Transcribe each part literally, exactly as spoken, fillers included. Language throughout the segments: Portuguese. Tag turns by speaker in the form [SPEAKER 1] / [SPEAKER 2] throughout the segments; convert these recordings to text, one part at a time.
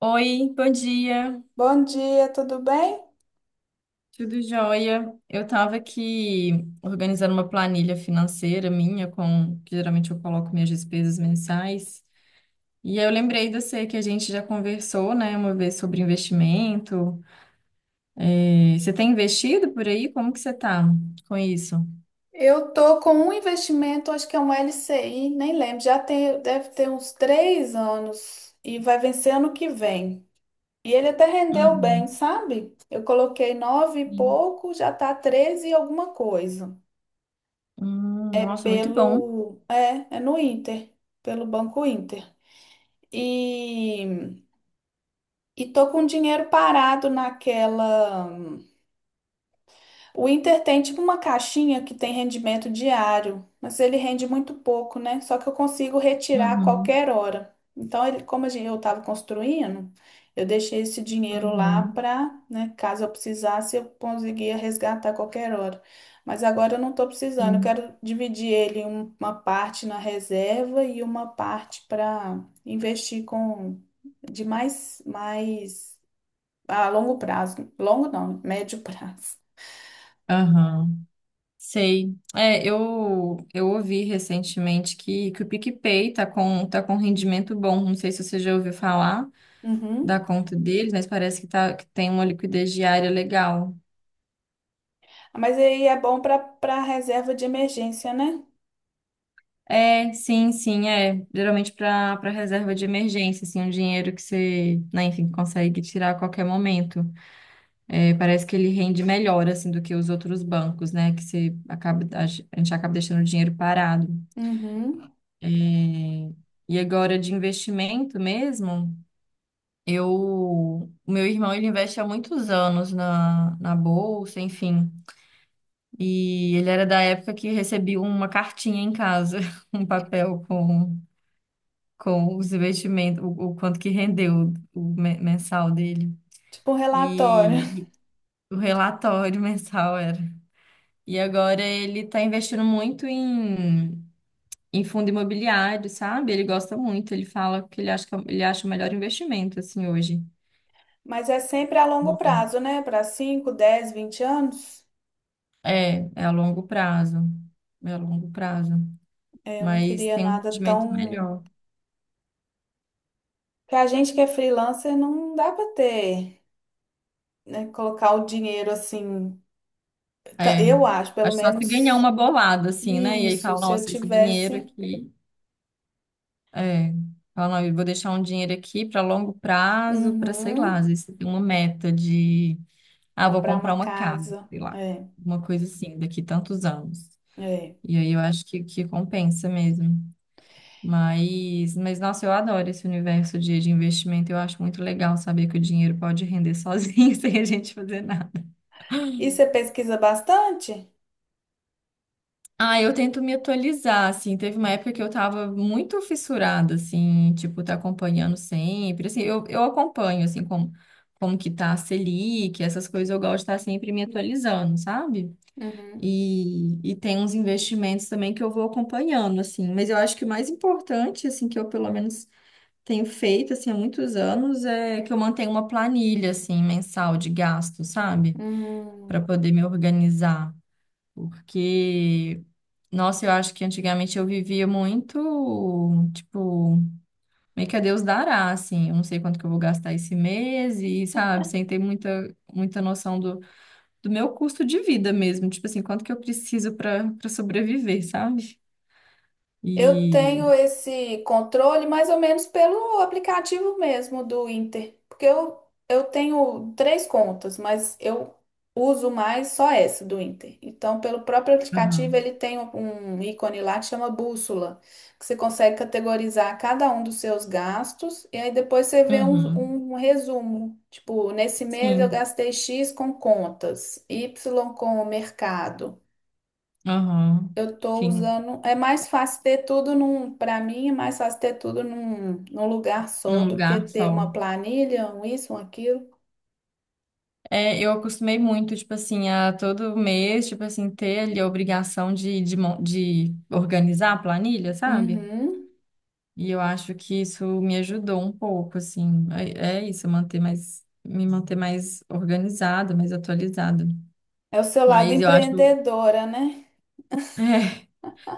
[SPEAKER 1] Oi, bom dia,
[SPEAKER 2] Bom dia, tudo bem?
[SPEAKER 1] tudo jóia? Eu estava aqui organizando uma planilha financeira minha, com que geralmente eu coloco minhas despesas mensais. E aí eu lembrei de você que a gente já conversou, né, uma vez sobre investimento. É, você tem investido por aí? Como que você tá com isso?
[SPEAKER 2] Eu tô com um investimento, acho que é um L C I, nem lembro, já tem, deve ter uns três anos e vai vencer ano que vem. E ele até rendeu bem,
[SPEAKER 1] Uhum.
[SPEAKER 2] sabe? Eu coloquei nove e pouco, já tá treze e alguma coisa.
[SPEAKER 1] Hum,
[SPEAKER 2] É
[SPEAKER 1] nossa, muito bom.
[SPEAKER 2] pelo, é, é no Inter, pelo Banco Inter. E, e tô com dinheiro parado naquela. O Inter tem tipo uma caixinha que tem rendimento diário, mas ele rende muito pouco, né? Só que eu consigo retirar a
[SPEAKER 1] Uhum.
[SPEAKER 2] qualquer hora. Então, ele, como a gen- eu estava construindo, eu deixei esse dinheiro lá
[SPEAKER 1] Uhum.
[SPEAKER 2] para, né, caso eu precisasse, eu conseguia resgatar a qualquer hora. Mas agora eu não estou precisando, eu
[SPEAKER 1] Sim.
[SPEAKER 2] quero dividir ele em um- uma parte na reserva e uma parte para investir com de mais, mais a longo prazo. Longo não, médio prazo.
[SPEAKER 1] Aham. Sei. É, eu, eu ouvi recentemente que, que o PicPay tá com, tá com, um rendimento bom. Não sei se você já ouviu falar da
[SPEAKER 2] Uhum.
[SPEAKER 1] conta deles, mas parece que, tá, que tem uma liquidez diária legal.
[SPEAKER 2] Mas aí é bom para para reserva de emergência, né?
[SPEAKER 1] É, sim, sim, é. Geralmente para para reserva de emergência, assim, um dinheiro que você, né, enfim, consegue tirar a qualquer momento. É, parece que ele rende melhor, assim, do que os outros bancos, né? Que você acaba, a gente acaba deixando o dinheiro parado.
[SPEAKER 2] Uhum.
[SPEAKER 1] É, e agora de investimento mesmo. Eu, o meu irmão, ele investe há muitos anos na, na, bolsa, enfim. E ele era da época que recebia uma cartinha em casa, um papel com, com, os investimentos, o, o quanto que rendeu o me- mensal dele.
[SPEAKER 2] Tipo um relatório.
[SPEAKER 1] E, o relatório mensal era. E agora ele está investindo muito em, em fundo imobiliário, sabe? Ele gosta muito, ele fala que ele acha que é o- ele acha o melhor investimento, assim, hoje.
[SPEAKER 2] Mas é sempre a longo prazo, né? Para cinco dez vinte anos.
[SPEAKER 1] É, é a longo prazo. É a longo prazo.
[SPEAKER 2] É, eu não
[SPEAKER 1] Mas
[SPEAKER 2] queria
[SPEAKER 1] tem um
[SPEAKER 2] nada
[SPEAKER 1] rendimento
[SPEAKER 2] tão.
[SPEAKER 1] melhor.
[SPEAKER 2] Porque a gente que é freelancer não dá para ter, né? Colocar o dinheiro assim. Ta-
[SPEAKER 1] É.
[SPEAKER 2] Eu acho, pelo
[SPEAKER 1] Acho só se ganhar
[SPEAKER 2] menos
[SPEAKER 1] uma bolada, assim, né? E aí
[SPEAKER 2] isso.
[SPEAKER 1] fala,
[SPEAKER 2] Se eu
[SPEAKER 1] nossa, esse dinheiro
[SPEAKER 2] tivesse.
[SPEAKER 1] aqui. É. Fala, não, eu vou deixar um dinheiro aqui para longo prazo, para sei lá,
[SPEAKER 2] Uhum.
[SPEAKER 1] às vezes você tem uma meta de, ah, vou
[SPEAKER 2] Comprar
[SPEAKER 1] comprar
[SPEAKER 2] uma
[SPEAKER 1] uma casa,
[SPEAKER 2] casa.
[SPEAKER 1] sei lá.
[SPEAKER 2] É,
[SPEAKER 1] Uma coisa assim, daqui tantos anos.
[SPEAKER 2] é.
[SPEAKER 1] E aí eu acho que, que compensa mesmo. Mas, mas, nossa, eu adoro esse universo de, de, investimento. Eu acho muito legal saber que o dinheiro pode render sozinho, sem a gente fazer nada.
[SPEAKER 2] E você pesquisa bastante?
[SPEAKER 1] Ah, eu tento me atualizar, assim. Teve uma época que eu tava muito fissurada, assim, tipo, tá acompanhando sempre. Assim, eu, eu acompanho, assim, como, como que tá a Selic, essas coisas eu gosto de estar sempre me atualizando, sabe?
[SPEAKER 2] Uhum.
[SPEAKER 1] E, e tem uns investimentos também que eu vou acompanhando, assim. Mas eu acho que o mais importante, assim, que eu pelo menos tenho feito, assim, há muitos anos, é que eu mantenho uma planilha, assim, mensal de gasto, sabe? Para
[SPEAKER 2] Hum.
[SPEAKER 1] poder me organizar. Porque, nossa, eu acho que antigamente eu vivia muito, tipo, meio que a Deus dará, assim. Eu não sei quanto que eu vou gastar esse mês e, sabe, sem ter muita, muita noção do, do, meu custo de vida mesmo. Tipo assim, quanto que eu preciso para para sobreviver, sabe?
[SPEAKER 2] Eu
[SPEAKER 1] E.
[SPEAKER 2] tenho esse controle mais ou menos pelo aplicativo mesmo do Inter, porque eu, eu tenho três contas, mas eu uso mais só essa do Inter. Então, pelo próprio aplicativo,
[SPEAKER 1] Aham.
[SPEAKER 2] ele tem um ícone lá que chama bússola, que você consegue categorizar cada um dos seus gastos e aí depois você vê
[SPEAKER 1] Uhum.
[SPEAKER 2] um, um resumo. Tipo, nesse mês eu
[SPEAKER 1] Sim.
[SPEAKER 2] gastei X com contas, Y com o mercado.
[SPEAKER 1] Aham.
[SPEAKER 2] Eu tô
[SPEAKER 1] Sim.
[SPEAKER 2] usando. É mais fácil ter tudo num. Para mim, é mais fácil ter tudo num, num lugar só
[SPEAKER 1] Num
[SPEAKER 2] do que
[SPEAKER 1] lugar
[SPEAKER 2] ter
[SPEAKER 1] só.
[SPEAKER 2] uma planilha, um isso, um aquilo.
[SPEAKER 1] É, eu acostumei muito, tipo assim, a todo mês, tipo assim, ter ali a obrigação de, de, mon- de organizar a planilha, sabe?
[SPEAKER 2] Uhum.
[SPEAKER 1] E eu acho que isso me ajudou um pouco, assim. É, é isso, manter mais, me manter mais organizada, mais atualizada.
[SPEAKER 2] É o seu lado
[SPEAKER 1] Mas eu acho.
[SPEAKER 2] empreendedora, né?
[SPEAKER 1] É,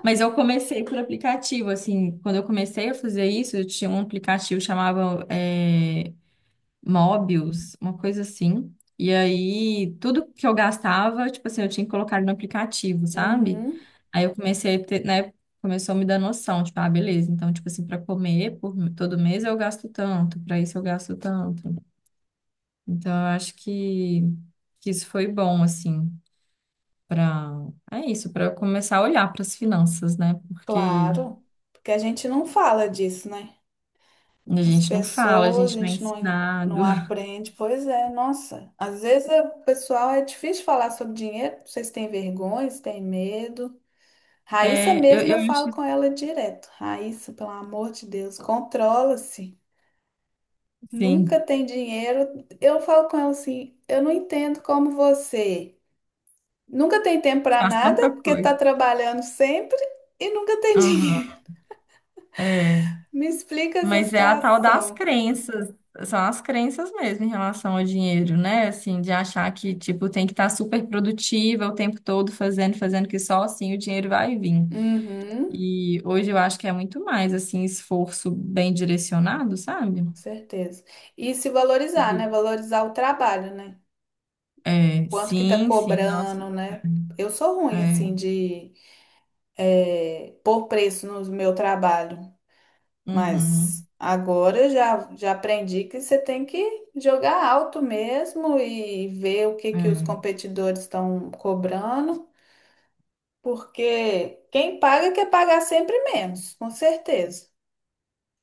[SPEAKER 1] mas eu comecei por aplicativo, assim. Quando eu comecei a fazer isso, eu tinha um aplicativo que chamava é, Mobius, uma coisa assim. E aí, tudo que eu gastava, tipo assim, eu tinha que colocar no aplicativo, sabe?
[SPEAKER 2] Uhum.
[SPEAKER 1] Aí eu comecei a ter, né, começou a me dar noção, tipo, ah, beleza, então, tipo assim, para comer por todo mês eu gasto tanto, para isso eu gasto tanto. Então, eu acho que, que isso foi bom, assim, para, é isso, para eu começar a olhar para as finanças, né? Porque
[SPEAKER 2] Claro. Porque a gente não fala disso, né?
[SPEAKER 1] a
[SPEAKER 2] As
[SPEAKER 1] gente não fala, a
[SPEAKER 2] pessoas, a
[SPEAKER 1] gente não é
[SPEAKER 2] gente não, não
[SPEAKER 1] ensinado.
[SPEAKER 2] aprende. Pois é, nossa. Às vezes é- o pessoal é difícil falar sobre dinheiro. Vocês têm vergonha, vocês têm medo. Raíssa
[SPEAKER 1] É, eu,
[SPEAKER 2] mesmo,
[SPEAKER 1] eu
[SPEAKER 2] eu falo
[SPEAKER 1] acho,
[SPEAKER 2] com ela direto. Raíssa, pelo amor de Deus, controla-se.
[SPEAKER 1] assim,
[SPEAKER 2] Nunca tem dinheiro. Eu falo com ela assim, eu não entendo como você nunca tem tempo para
[SPEAKER 1] faz
[SPEAKER 2] nada,
[SPEAKER 1] tanta
[SPEAKER 2] porque tá
[SPEAKER 1] coisa.
[SPEAKER 2] trabalhando sempre e nunca tem dinheiro.
[SPEAKER 1] É,
[SPEAKER 2] Me explica essa
[SPEAKER 1] mas é a tal das
[SPEAKER 2] situação.
[SPEAKER 1] crenças, são as crenças mesmo em relação ao dinheiro, né? Assim, de achar que, tipo, tem que estar super produtiva o tempo todo fazendo, fazendo, que só assim o dinheiro vai vir.
[SPEAKER 2] Uhum,
[SPEAKER 1] E hoje eu acho que é muito mais, assim, esforço bem direcionado, sabe?
[SPEAKER 2] com certeza. E se valorizar, né?
[SPEAKER 1] Do-
[SPEAKER 2] Valorizar o trabalho, né?
[SPEAKER 1] É,
[SPEAKER 2] Quanto que tá
[SPEAKER 1] sim, sim, nossa.
[SPEAKER 2] cobrando, né? Eu sou
[SPEAKER 1] É,
[SPEAKER 2] ruim,
[SPEAKER 1] é,
[SPEAKER 2] assim, de eh, pôr preço no meu trabalho. Mas
[SPEAKER 1] uhum,
[SPEAKER 2] agora eu já, já aprendi que você tem que jogar alto mesmo e ver o que que os
[SPEAKER 1] é,
[SPEAKER 2] competidores estão cobrando, porque quem paga quer pagar sempre menos, com certeza,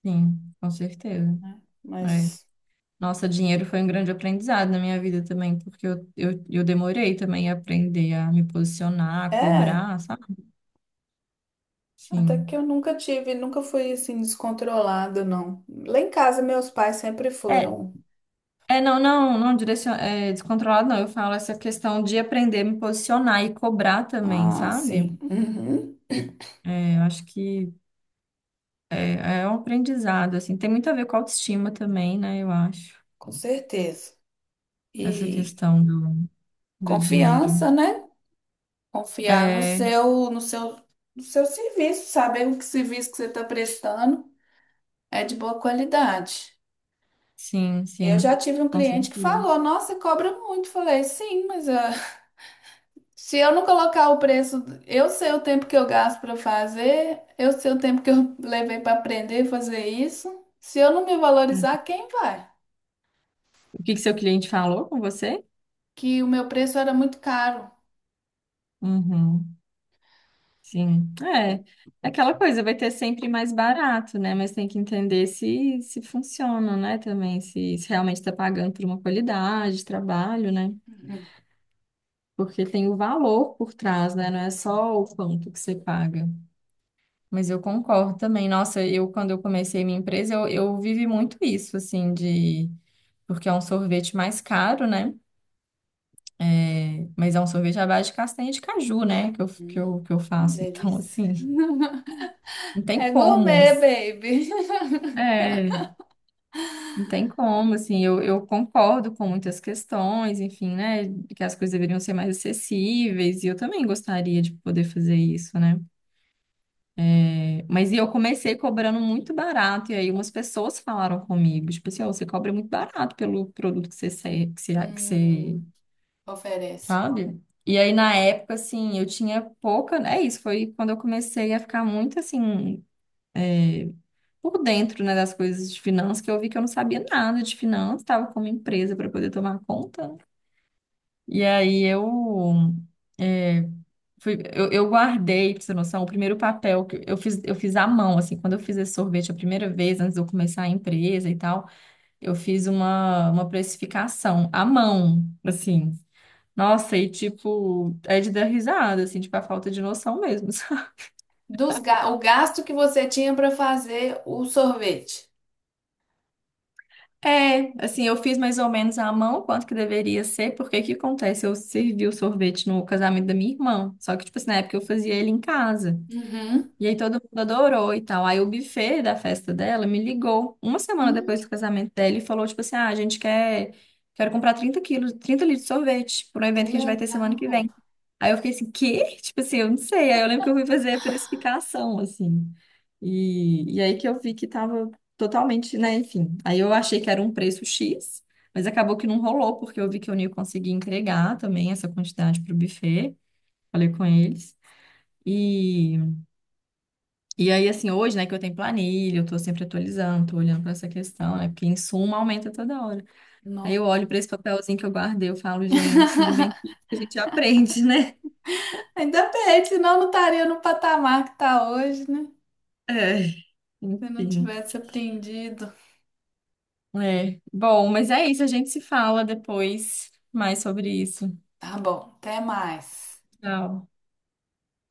[SPEAKER 1] sim, com certeza.
[SPEAKER 2] né?
[SPEAKER 1] É.
[SPEAKER 2] Mas
[SPEAKER 1] Nossa, dinheiro foi um grande aprendizado na minha vida também, porque eu, eu, eu demorei também a aprender a me posicionar, a
[SPEAKER 2] é,
[SPEAKER 1] cobrar, sabe?
[SPEAKER 2] até que eu
[SPEAKER 1] Sim.
[SPEAKER 2] nunca tive, nunca fui assim descontrolada, não. Lá em casa meus pais sempre
[SPEAKER 1] É,
[SPEAKER 2] foram
[SPEAKER 1] é não, não, não direcion... é, descontrolado, não. Eu falo essa questão de aprender a me posicionar e cobrar também,
[SPEAKER 2] ah,
[SPEAKER 1] sabe?
[SPEAKER 2] sim, uhum,
[SPEAKER 1] É, eu acho que é, é um aprendizado, assim. Tem muito a ver com a autoestima também, né? Eu acho.
[SPEAKER 2] com certeza.
[SPEAKER 1] Essa
[SPEAKER 2] E
[SPEAKER 1] questão do, do dinheiro.
[SPEAKER 2] confiança, né? Confiar no
[SPEAKER 1] É,
[SPEAKER 2] seu, no seu, no seu serviço, saber o que serviço que você está prestando é de boa qualidade.
[SPEAKER 1] sim,
[SPEAKER 2] Eu já
[SPEAKER 1] sim.
[SPEAKER 2] tive um
[SPEAKER 1] Com
[SPEAKER 2] cliente que
[SPEAKER 1] certeza.
[SPEAKER 2] falou, nossa, cobra muito. Falei, sim, mas ah, se eu não colocar o preço, eu sei o tempo que eu gasto para fazer, eu sei o tempo que eu levei para aprender a fazer isso. Se eu não me
[SPEAKER 1] É.
[SPEAKER 2] valorizar, quem vai?
[SPEAKER 1] O que que seu cliente falou com você?
[SPEAKER 2] Que o meu preço era muito caro.
[SPEAKER 1] Uhum. Sim, é. É aquela coisa, vai ter sempre mais barato, né? Mas tem que entender se, se funciona, né? Também, se, se realmente está pagando por uma qualidade de trabalho, né? Porque tem o valor por trás, né? Não é só o quanto que você paga. Mas eu concordo também. Nossa, eu, quando eu comecei minha empresa, eu, eu vivi muito isso, assim, de. Porque é um sorvete mais caro, né? É, mas é um sorvete à base de castanha de caju, né? Que eu, que
[SPEAKER 2] Hum,
[SPEAKER 1] eu, que eu faço. Então,
[SPEAKER 2] delícia.
[SPEAKER 1] assim, não tem
[SPEAKER 2] É
[SPEAKER 1] como.
[SPEAKER 2] gourmet, baby.
[SPEAKER 1] É, não tem como, assim, eu, eu concordo com muitas questões, enfim, né, que as coisas deveriam ser mais acessíveis, e eu também gostaria de poder fazer isso, né? É, mas e eu comecei cobrando muito barato, e aí umas pessoas falaram comigo, tipo assim, ó, você cobra muito barato pelo produto que você, se- que você, que você,
[SPEAKER 2] Hum, oferece.
[SPEAKER 1] sabe? E aí, na época, assim, eu tinha pouca, é isso, foi quando eu comecei a ficar muito, assim, por dentro, né, das coisas de finanças, que eu vi que eu não sabia nada de finanças, estava com uma empresa para poder tomar conta, né? E aí eu, é, fui- eu, eu guardei, pra você ter noção, o primeiro papel que eu fiz, eu fiz à mão, assim, quando eu fiz esse sorvete a primeira vez, antes de eu começar a empresa e tal, eu fiz uma, uma, precificação à mão, assim. Nossa, e tipo, é de dar risada, assim, tipo, a falta de noção mesmo.
[SPEAKER 2] Dos ga- o gasto que você tinha para fazer o sorvete.
[SPEAKER 1] É, assim, eu fiz mais ou menos à mão quanto que deveria ser, porque o que acontece? Eu servi o sorvete no casamento da minha irmã, só que, tipo assim, na época eu fazia ele em casa.
[SPEAKER 2] Uhum.
[SPEAKER 1] E aí todo mundo adorou e tal. Aí o buffet da festa dela me ligou uma semana
[SPEAKER 2] Hum,
[SPEAKER 1] depois do casamento dela e falou, tipo assim, ah, a gente quer, quero comprar trinta quilos, trinta litros de sorvete para um
[SPEAKER 2] que
[SPEAKER 1] evento que a gente vai ter semana que
[SPEAKER 2] legal.
[SPEAKER 1] vem. Aí eu fiquei assim, quê? Tipo assim, eu não sei. Aí eu lembro que eu fui fazer a precificação, assim. E, e aí que eu vi que tava totalmente, né, enfim. Aí eu achei que era um preço xis, mas acabou que não rolou, porque eu vi que eu não ia conseguir entregar também essa quantidade pro buffet. Falei com eles. E... E aí, assim, hoje, né, que eu tenho planilha, eu tô sempre atualizando, tô olhando pra essa questão, né, porque insumo aumenta toda hora. Aí
[SPEAKER 2] No-
[SPEAKER 1] eu olho pra esse papelzinho que eu guardei, eu falo, gente, ainda bem que a gente aprende, né?
[SPEAKER 2] Ainda bem, senão não estaria no patamar que está hoje, né?
[SPEAKER 1] É,
[SPEAKER 2] Se eu não
[SPEAKER 1] enfim.
[SPEAKER 2] tivesse aprendido.
[SPEAKER 1] É. Bom, mas é isso, a gente se fala depois mais sobre isso.
[SPEAKER 2] Tá bom, até mais.
[SPEAKER 1] Tchau.